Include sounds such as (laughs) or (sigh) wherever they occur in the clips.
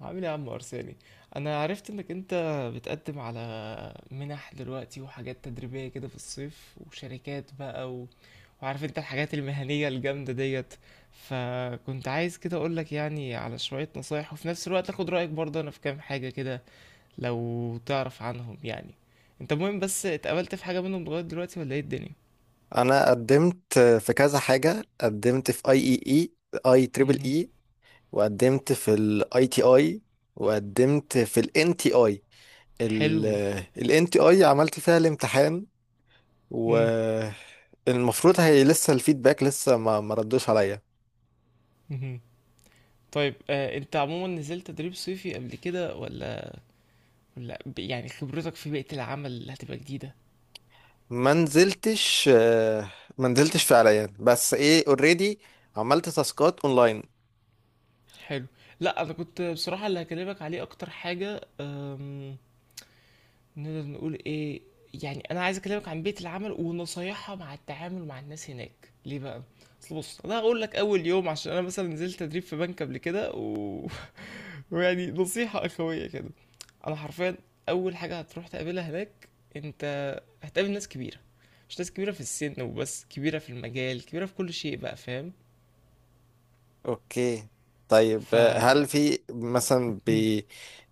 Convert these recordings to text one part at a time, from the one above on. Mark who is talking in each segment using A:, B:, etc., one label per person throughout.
A: عامل ايه يا عم ارساني؟ انا عرفت انك انت بتقدم على منح دلوقتي وحاجات تدريبية كده في الصيف وشركات بقى وعارف انت الحاجات المهنية الجامدة ديت، فكنت عايز كده اقولك يعني على شوية نصايح، وفي نفس الوقت اخد رأيك برضه انا في كام حاجة كده لو تعرف عنهم يعني. انت مهم بس اتقابلت في حاجة منهم لغاية دلوقتي ولا ايه الدنيا؟
B: انا قدمت في كذا حاجه. قدمت في اي اي اي اي تريبل
A: مهم.
B: اي وقدمت في الاي تي اي، وقدمت في الان تي اي.
A: حلو.
B: الان تي اي عملت فيها الامتحان،
A: مم.
B: والمفروض هي لسه الفيدباك لسه ما ردوش عليا.
A: مهم. طيب، انت عموما نزلت تدريب صيفي قبل كده ولا؟ لا، يعني خبرتك في بيئة العمل اللي هتبقى جديدة.
B: ما نزلتش ما نزلتش فعليا، بس ايه اوريدي عملت تاسكات اونلاين.
A: حلو. لا انا كنت بصراحة اللي هكلمك عليه اكتر حاجة، نقدر نقول ايه، يعني انا عايز اكلمك عن بيئة العمل ونصايحها مع التعامل مع الناس هناك، ليه بقى؟ اصل بص، انا هقول لك اول يوم، عشان انا مثلا نزلت تدريب في بنك قبل كده. (laughs) ويعني نصيحة اخوية كده. انا حرفيا اول حاجة هتروح تقابلها هناك انت، هتقابل ناس كبيرة. مش ناس كبيرة في السن وبس، كبيرة في المجال، كبيرة في كل شيء بقى، فاهم؟
B: اوكي. طيب هل في مثلا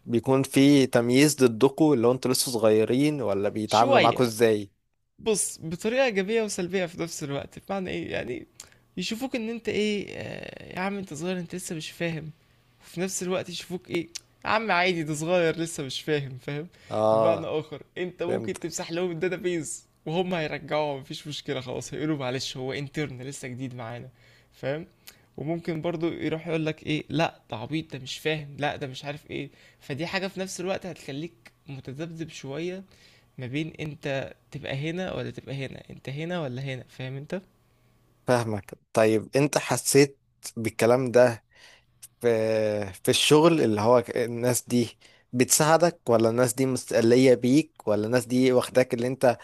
B: بيكون في تمييز ضدكوا، اللي هو انتوا لسه صغيرين ولا بيتعاملوا
A: فشوية،
B: معاكوا ازاي؟
A: بص، بطريقة إيجابية وسلبية في نفس الوقت. بمعنى إيه يعني؟ يشوفوك إن أنت إيه، يا عم أنت صغير أنت لسه مش فاهم، وفي نفس الوقت يشوفوك إيه، يا عم عادي ده صغير لسه مش فاهم، فاهم؟ بمعنى
B: اه
A: آخر أنت
B: فهمت.
A: ممكن تمسح لهم الداتابيز وهم هيرجعوها، مفيش مشكلة خلاص، هيقولوا معلش هو انترن لسه جديد معانا، فاهم؟ وممكن برضو يروح يقول لك ايه، لا ده عبيط ده مش فاهم، لا ده مش عارف ايه. فدي حاجة في نفس الوقت هتخليك متذبذب شوية، ما بين انت تبقى هنا ولا تبقى هنا، انت هنا ولا هنا، فاهم انت؟
B: فاهمك. طيب انت حسيت بالكلام ده في في الشغل، اللي هو الناس دي بتساعدك، ولا الناس دي مستقلية بيك، ولا الناس دي واخداك اللي انت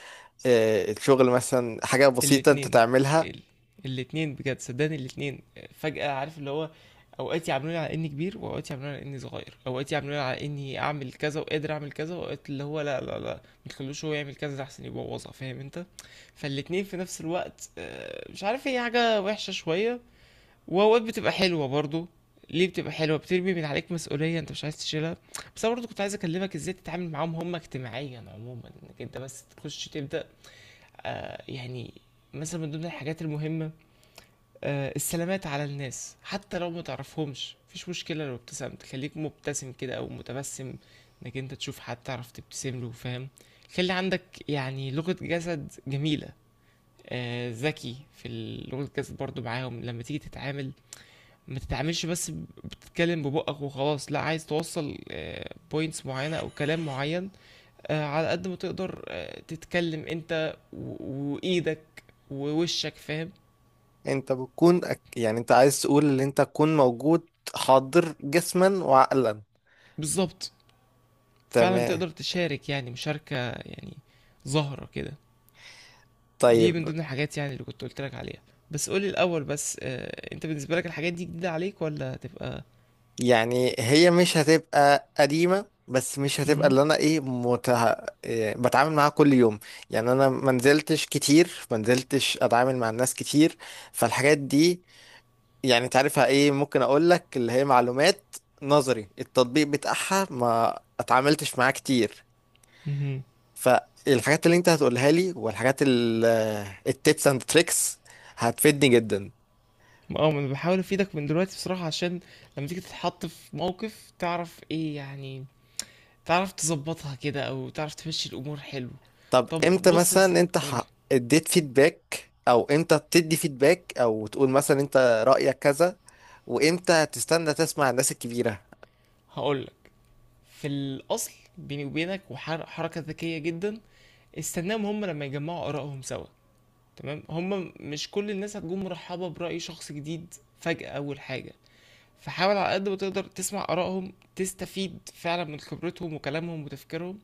B: الشغل مثلا حاجة بسيطة انت
A: الاتنين.
B: تعملها.
A: ال... الاتنين بجد صدقني، الاتنين. فجأة عارف اللي هو، اوقات يعاملوني على اني كبير، واوقات يعاملوني على اني صغير، اوقات يعاملوني على اني اعمل كذا وقادر اعمل كذا، واوقات اللي هو لا لا لا ما تخلوش هو يعمل كذا، ده احسن يبوظها، فاهم انت؟ فالاتنين في نفس الوقت، مش عارف، هي حاجة وحشة شوية، واوقات بتبقى حلوة برضو. ليه بتبقى حلوة؟ بترمي من عليك مسؤولية انت مش عايز تشيلها. بس انا برضو كنت عايز اكلمك ازاي تتعامل معاهم هم اجتماعيا عموما، انك انت بس تخش تبدأ. يعني مثلا من ضمن الحاجات المهمة، السلامات على الناس، حتى لو ما تعرفهمش مفيش مشكلة. لو ابتسمت خليك مبتسم كده او متبسم، انك انت تشوف حد تعرف تبتسم له، فاهم؟ خلي عندك يعني لغة جسد جميلة. ذكي في لغة الجسد برضو معاهم لما تيجي تتعامل. ما تتعاملش بس بتتكلم ببقك وخلاص، لا، عايز توصل بوينتس معينة او كلام معين. على قد ما تقدر تتكلم انت وايدك ووشك، فاهم؟
B: انت بتكون يعني انت عايز تقول ان انت تكون موجود، حاضر جسما وعقلا.
A: بالظبط. فعلا
B: تمام.
A: تقدر تشارك يعني مشاركة يعني ظاهرة كده. دي
B: طيب
A: من ضمن الحاجات يعني اللي كنت قلت لك عليها. بس قولي الاول بس، انت بالنسبة لك الحاجات دي جديدة عليك ولا تبقى؟
B: يعني هي مش هتبقى قديمة، بس مش هتبقى
A: مهم.
B: اللي انا ايه متع... إيه بتعامل معاها كل يوم. يعني انا ما نزلتش كتير، ما نزلتش اتعامل مع الناس كتير. فالحاجات دي يعني تعرفها ايه، ممكن اقول لك اللي هي معلومات نظري، التطبيق بتاعها ما اتعاملتش معاه كتير.
A: مهم.
B: فالحاجات اللي انت هتقولها لي، والحاجات، التيبس اند تريكس، هتفيدني جدا.
A: اه، ما انا بحاول افيدك من دلوقتي بصراحة، عشان لما تيجي تتحط في موقف تعرف ايه يعني، تعرف تظبطها كده او تعرف تمشي الامور حلو.
B: طب
A: طب
B: امتى
A: بص يا سيدي
B: مثلا انت
A: قولي.
B: اديت فيدباك، او امتى بتدي فيدباك او تقول مثلا انت رأيك كذا، وامتى هتستنى تسمع الناس الكبيرة
A: هقولك، في الاصل بيني وبينك، وحركة ذكية جدا، استناهم هم لما يجمعوا ارائهم سوا. تمام، هم مش كل الناس هتكون مرحبة برأي شخص جديد فجأة اول حاجة. فحاول على قد ما تقدر تسمع آرائهم، تستفيد فعلا من خبرتهم وكلامهم وتفكيرهم.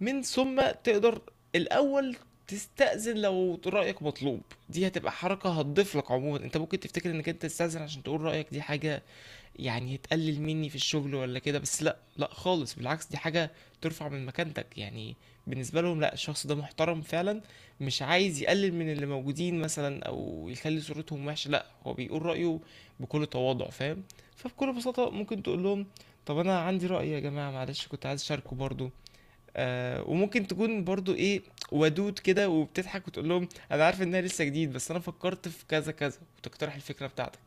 A: من ثم تقدر الأول تستأذن لو رأيك مطلوب. دي هتبقى حركة هتضيف لك عموما. انت ممكن تفتكر انك انت تستأذن عشان تقول رأيك، دي حاجة يعني تقلل مني في الشغل ولا كده، بس لا لا خالص، بالعكس، دي حاجة ترفع من مكانتك يعني بالنسبة لهم. لا الشخص ده محترم فعلا، مش عايز يقلل من اللي موجودين مثلا او يخلي صورتهم وحشة، لا هو بيقول رأيه بكل تواضع، فاهم؟ فبكل بساطة ممكن تقول لهم، طب انا عندي رأي يا جماعة، معلش كنت عايز اشاركه برضو. وممكن تكون برضو ايه، ودود كده وبتضحك وتقول لهم، انا عارف انها لسه جديد، بس انا فكرت في كذا كذا وتقترح الفكره بتاعتك.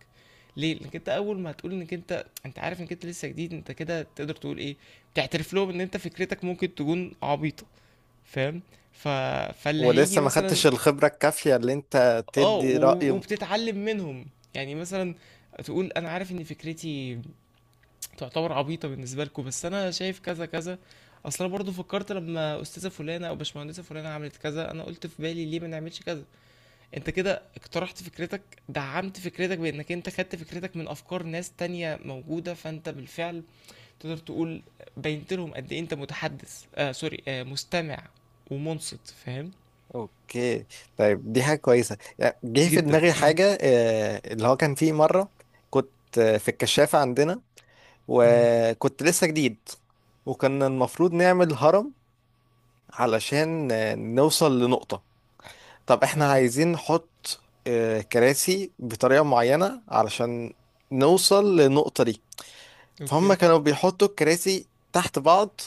A: ليه؟ لانك انت اول ما هتقول انك انت عارف انك انت لسه جديد، انت كده تقدر تقول ايه، بتعترف لهم ان انت فكرتك ممكن تكون عبيطه، فاهم؟ ف... فاللي هيجي
B: ولسه ما
A: مثلا.
B: خدتش الخبرة الكافية اللي انت
A: اه،
B: تدي رأي
A: وبتتعلم منهم. يعني مثلا تقول انا عارف ان فكرتي تعتبر عبيطة بالنسبة لكم، بس أنا شايف كذا كذا. أصل أنا برضه فكرت لما أستاذة فلانة أو باشمهندسة فلانة عملت كذا، أنا قلت في بالي ليه ما نعملش كذا. أنت كده اقترحت فكرتك، دعمت فكرتك بأنك أنت خدت فكرتك من أفكار ناس تانية موجودة، فأنت بالفعل تقدر تقول بينت لهم قد إيه أنت متحدث، سوري، مستمع ومنصت، فاهم؟
B: اوكي. طيب دي حاجة كويسة. يعني جه في
A: جدا.
B: دماغي
A: مم.
B: حاجة اللي هو كان فيه مرة كنت في الكشافة عندنا،
A: مهم.
B: وكنت لسه جديد، وكان المفروض نعمل هرم علشان نوصل لنقطة. طب احنا
A: اه.
B: عايزين نحط كراسي بطريقة معينة علشان نوصل للنقطة دي. فهم
A: اوكي.
B: كانوا بيحطوا الكراسي تحت بعض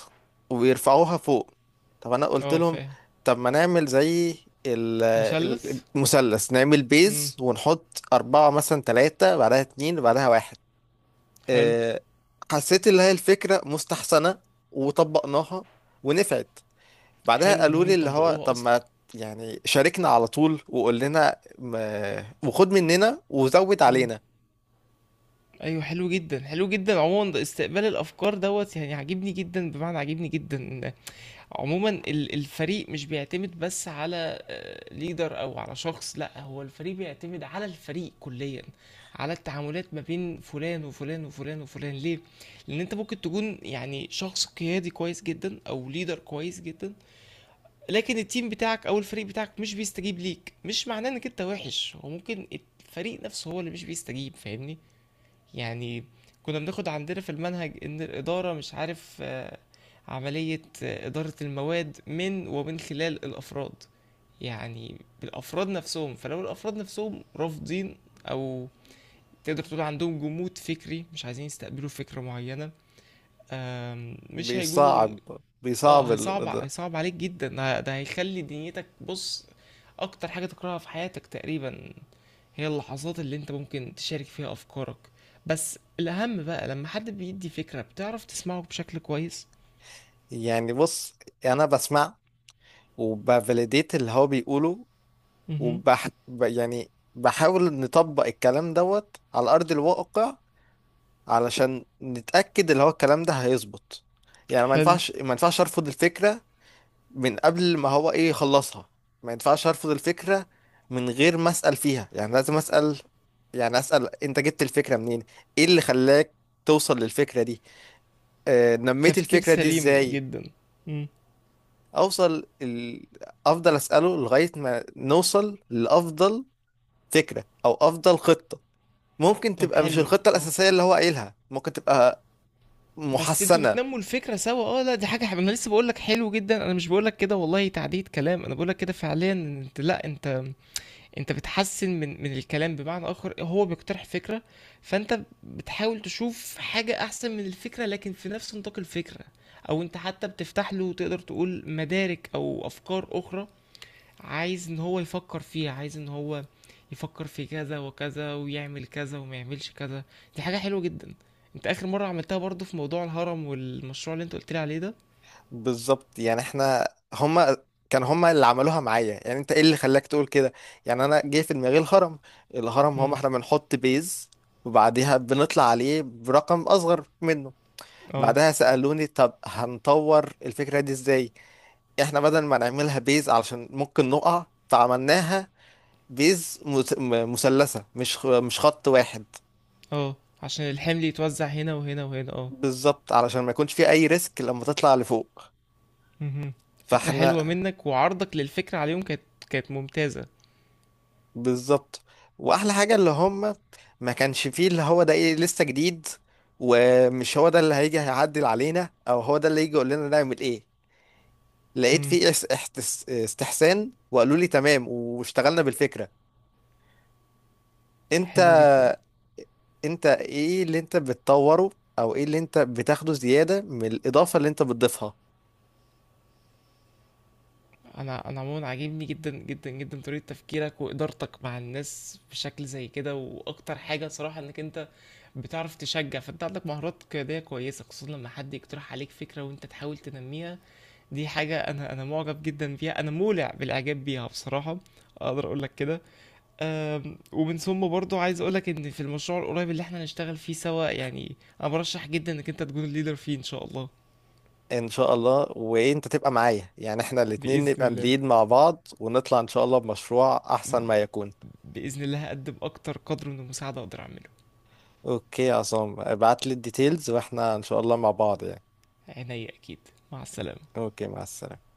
B: ويرفعوها فوق. طب انا قلت
A: اه.
B: لهم
A: فاهم.
B: طب ما نعمل زي ال-
A: مثلث.
B: المثلث، نعمل
A: امم.
B: بيز ونحط أربعة مثلا، تلاتة بعدها، اتنين بعدها، واحد.
A: حلو.
B: آه، حسيت اللي هي الفكرة مستحسنة، وطبقناها ونفعت. بعدها
A: حلو ان
B: قالوا لي
A: هم
B: اللي هو
A: طبقوها
B: طب
A: اصلا.
B: ما، يعني شاركنا على طول وقول لنا وخد مننا وزود
A: امم.
B: علينا.
A: ايوه، حلو جدا حلو جدا. عموما ده استقبال الافكار دوت، يعني عاجبني جدا، بمعنى عاجبني جدا إن عموما الفريق مش بيعتمد بس على ليدر او على شخص، لا هو الفريق بيعتمد على الفريق كليا، على التعاملات ما بين فلان وفلان وفلان وفلان. ليه؟ لان انت ممكن تكون يعني شخص قيادي كويس جدا او ليدر كويس جدا، لكن التيم بتاعك او الفريق بتاعك مش بيستجيب ليك، مش معناه انك انت وحش، هو ممكن الفريق نفسه هو اللي مش بيستجيب، فاهمني؟ يعني كنا بناخد عندنا في المنهج ان الاداره، مش عارف، عمليه اداره المواد ومن خلال الافراد، يعني بالافراد نفسهم. فلو الافراد نفسهم رافضين، او تقدر تقول عندهم جمود فكري مش عايزين يستقبلوا فكره معينه، مش هيكونوا.
B: بيصعب
A: اه،
B: بيصعب
A: هيصعب
B: ده.
A: هيصعب عليك جدا، ده هيخلي دنيتك، بص، اكتر حاجه تكرهها في حياتك تقريبا هي اللحظات اللي انت ممكن تشارك فيها افكارك. بس الاهم بقى لما حد بيدي فكرة بتعرف تسمعه بشكل كويس.
B: يعني بص انا بسمع وبفاليديت اللي هو بيقوله
A: مهم.
B: يعني بحاول نطبق الكلام دوت على ارض الواقع، علشان نتأكد اللي هو الكلام ده هيظبط. يعني ما
A: حلو.
B: ينفعش ما ينفعش ارفض الفكرة من قبل ما هو ايه يخلصها. ما ينفعش ارفض الفكرة من غير ما اسأل فيها، يعني لازم اسأل. يعني اسأل انت جبت الفكرة منين، ايه اللي خلاك توصل للفكرة دي، آه نميت
A: تفكير
B: الفكرة دي
A: سليم
B: ازاي،
A: جدا. مم.
B: اوصل افضل اسأله لغاية ما نوصل لافضل فكرة او افضل خطة. ممكن
A: طب
B: تبقى مش
A: حلو،
B: الخطة
A: اه.
B: الاساسية اللي هو قايلها، ممكن تبقى
A: بس انتوا
B: محسنة.
A: بتنموا الفكرة سوا. اه لا، دي حاجة انا لسه بقولك حلو جدا، انا مش بقولك كده والله تعديل كلام، انا بقولك كده فعليا إن انت، لا، انت انت بتحسن من الكلام، بمعنى اخر هو بيقترح فكره، فانت بتحاول تشوف حاجه احسن من الفكره لكن في نفس نطاق الفكره، او انت حتى بتفتح له تقدر تقول مدارك او افكار اخرى عايز ان هو يفكر فيها، عايز ان هو يفكر في كذا وكذا ويعمل كذا وما يعملش كذا. دي حاجه حلوه جدا. انت اخر مره عملتها برضو في موضوع الهرم والمشروع اللي انت قلت لي عليه ده.
B: بالظبط. يعني احنا هما، كان هما اللي عملوها معايا. يعني انت ايه اللي خلاك تقول كده؟ يعني انا جه في دماغي الهرم. الهرم هما
A: امم.
B: احنا بنحط بيز، وبعديها بنطلع عليه برقم اصغر منه.
A: اه.
B: بعدها سألوني طب هنطور الفكرة دي ازاي؟ احنا بدل ما نعملها بيز علشان ممكن نقع، فعملناها بيز مثلثة، مش خط واحد.
A: اه عشان الحمل يتوزع هنا وهنا وهنا، اه.
B: بالظبط، علشان ما يكونش فيه اي ريسك لما تطلع لفوق.
A: مهم. فكرة حلوة
B: فاحنا
A: منك وعرضك للفكرة عليهم كانت ممتازة.
B: بالظبط. واحلى حاجه اللي هم ما كانش فيه اللي هو ده ايه لسه جديد، ومش هو ده اللي هيجي هيعدل علينا او هو ده اللي يجي يقول لنا نعمل ايه. لقيت
A: مم.
B: فيه استحسان، وقالوا لي تمام واشتغلنا بالفكره. انت
A: حلو جدا.
B: انت ايه اللي انت بتطوره، او ايه اللي انت بتاخده زياده من الاضافه اللي انت بتضيفها؟
A: انا عموما عاجبني جدا جدا جدا طريقة تفكيرك وإدارتك مع الناس بشكل زي كده، واكتر حاجة صراحة انك انت بتعرف تشجع، فانت عندك مهارات قيادية كويسة، خصوصا لما حد يقترح عليك فكرة وانت تحاول تنميها، دي حاجة انا معجب جدا بيها، انا مولع بالاعجاب بيها بصراحة، اقدر اقول لك كده. ومن ثم برضو عايز اقولك ان في المشروع القريب اللي احنا هنشتغل فيه سوا يعني انا برشح جدا انك انت تكون الليدر فيه ان شاء الله.
B: ان شاء الله. وانت تبقى معايا، يعني احنا الاتنين
A: باذن
B: نبقى
A: الله.
B: نليد مع بعض، ونطلع ان شاء الله بمشروع احسن ما يكون.
A: باذن الله هقدم اكتر قدر من المساعده اقدر اعمله.
B: اوكي يا عصام، ابعت لي الديتيلز واحنا ان شاء الله مع بعض يعني.
A: عينيا اكيد. مع السلامه.
B: اوكي، مع السلامة.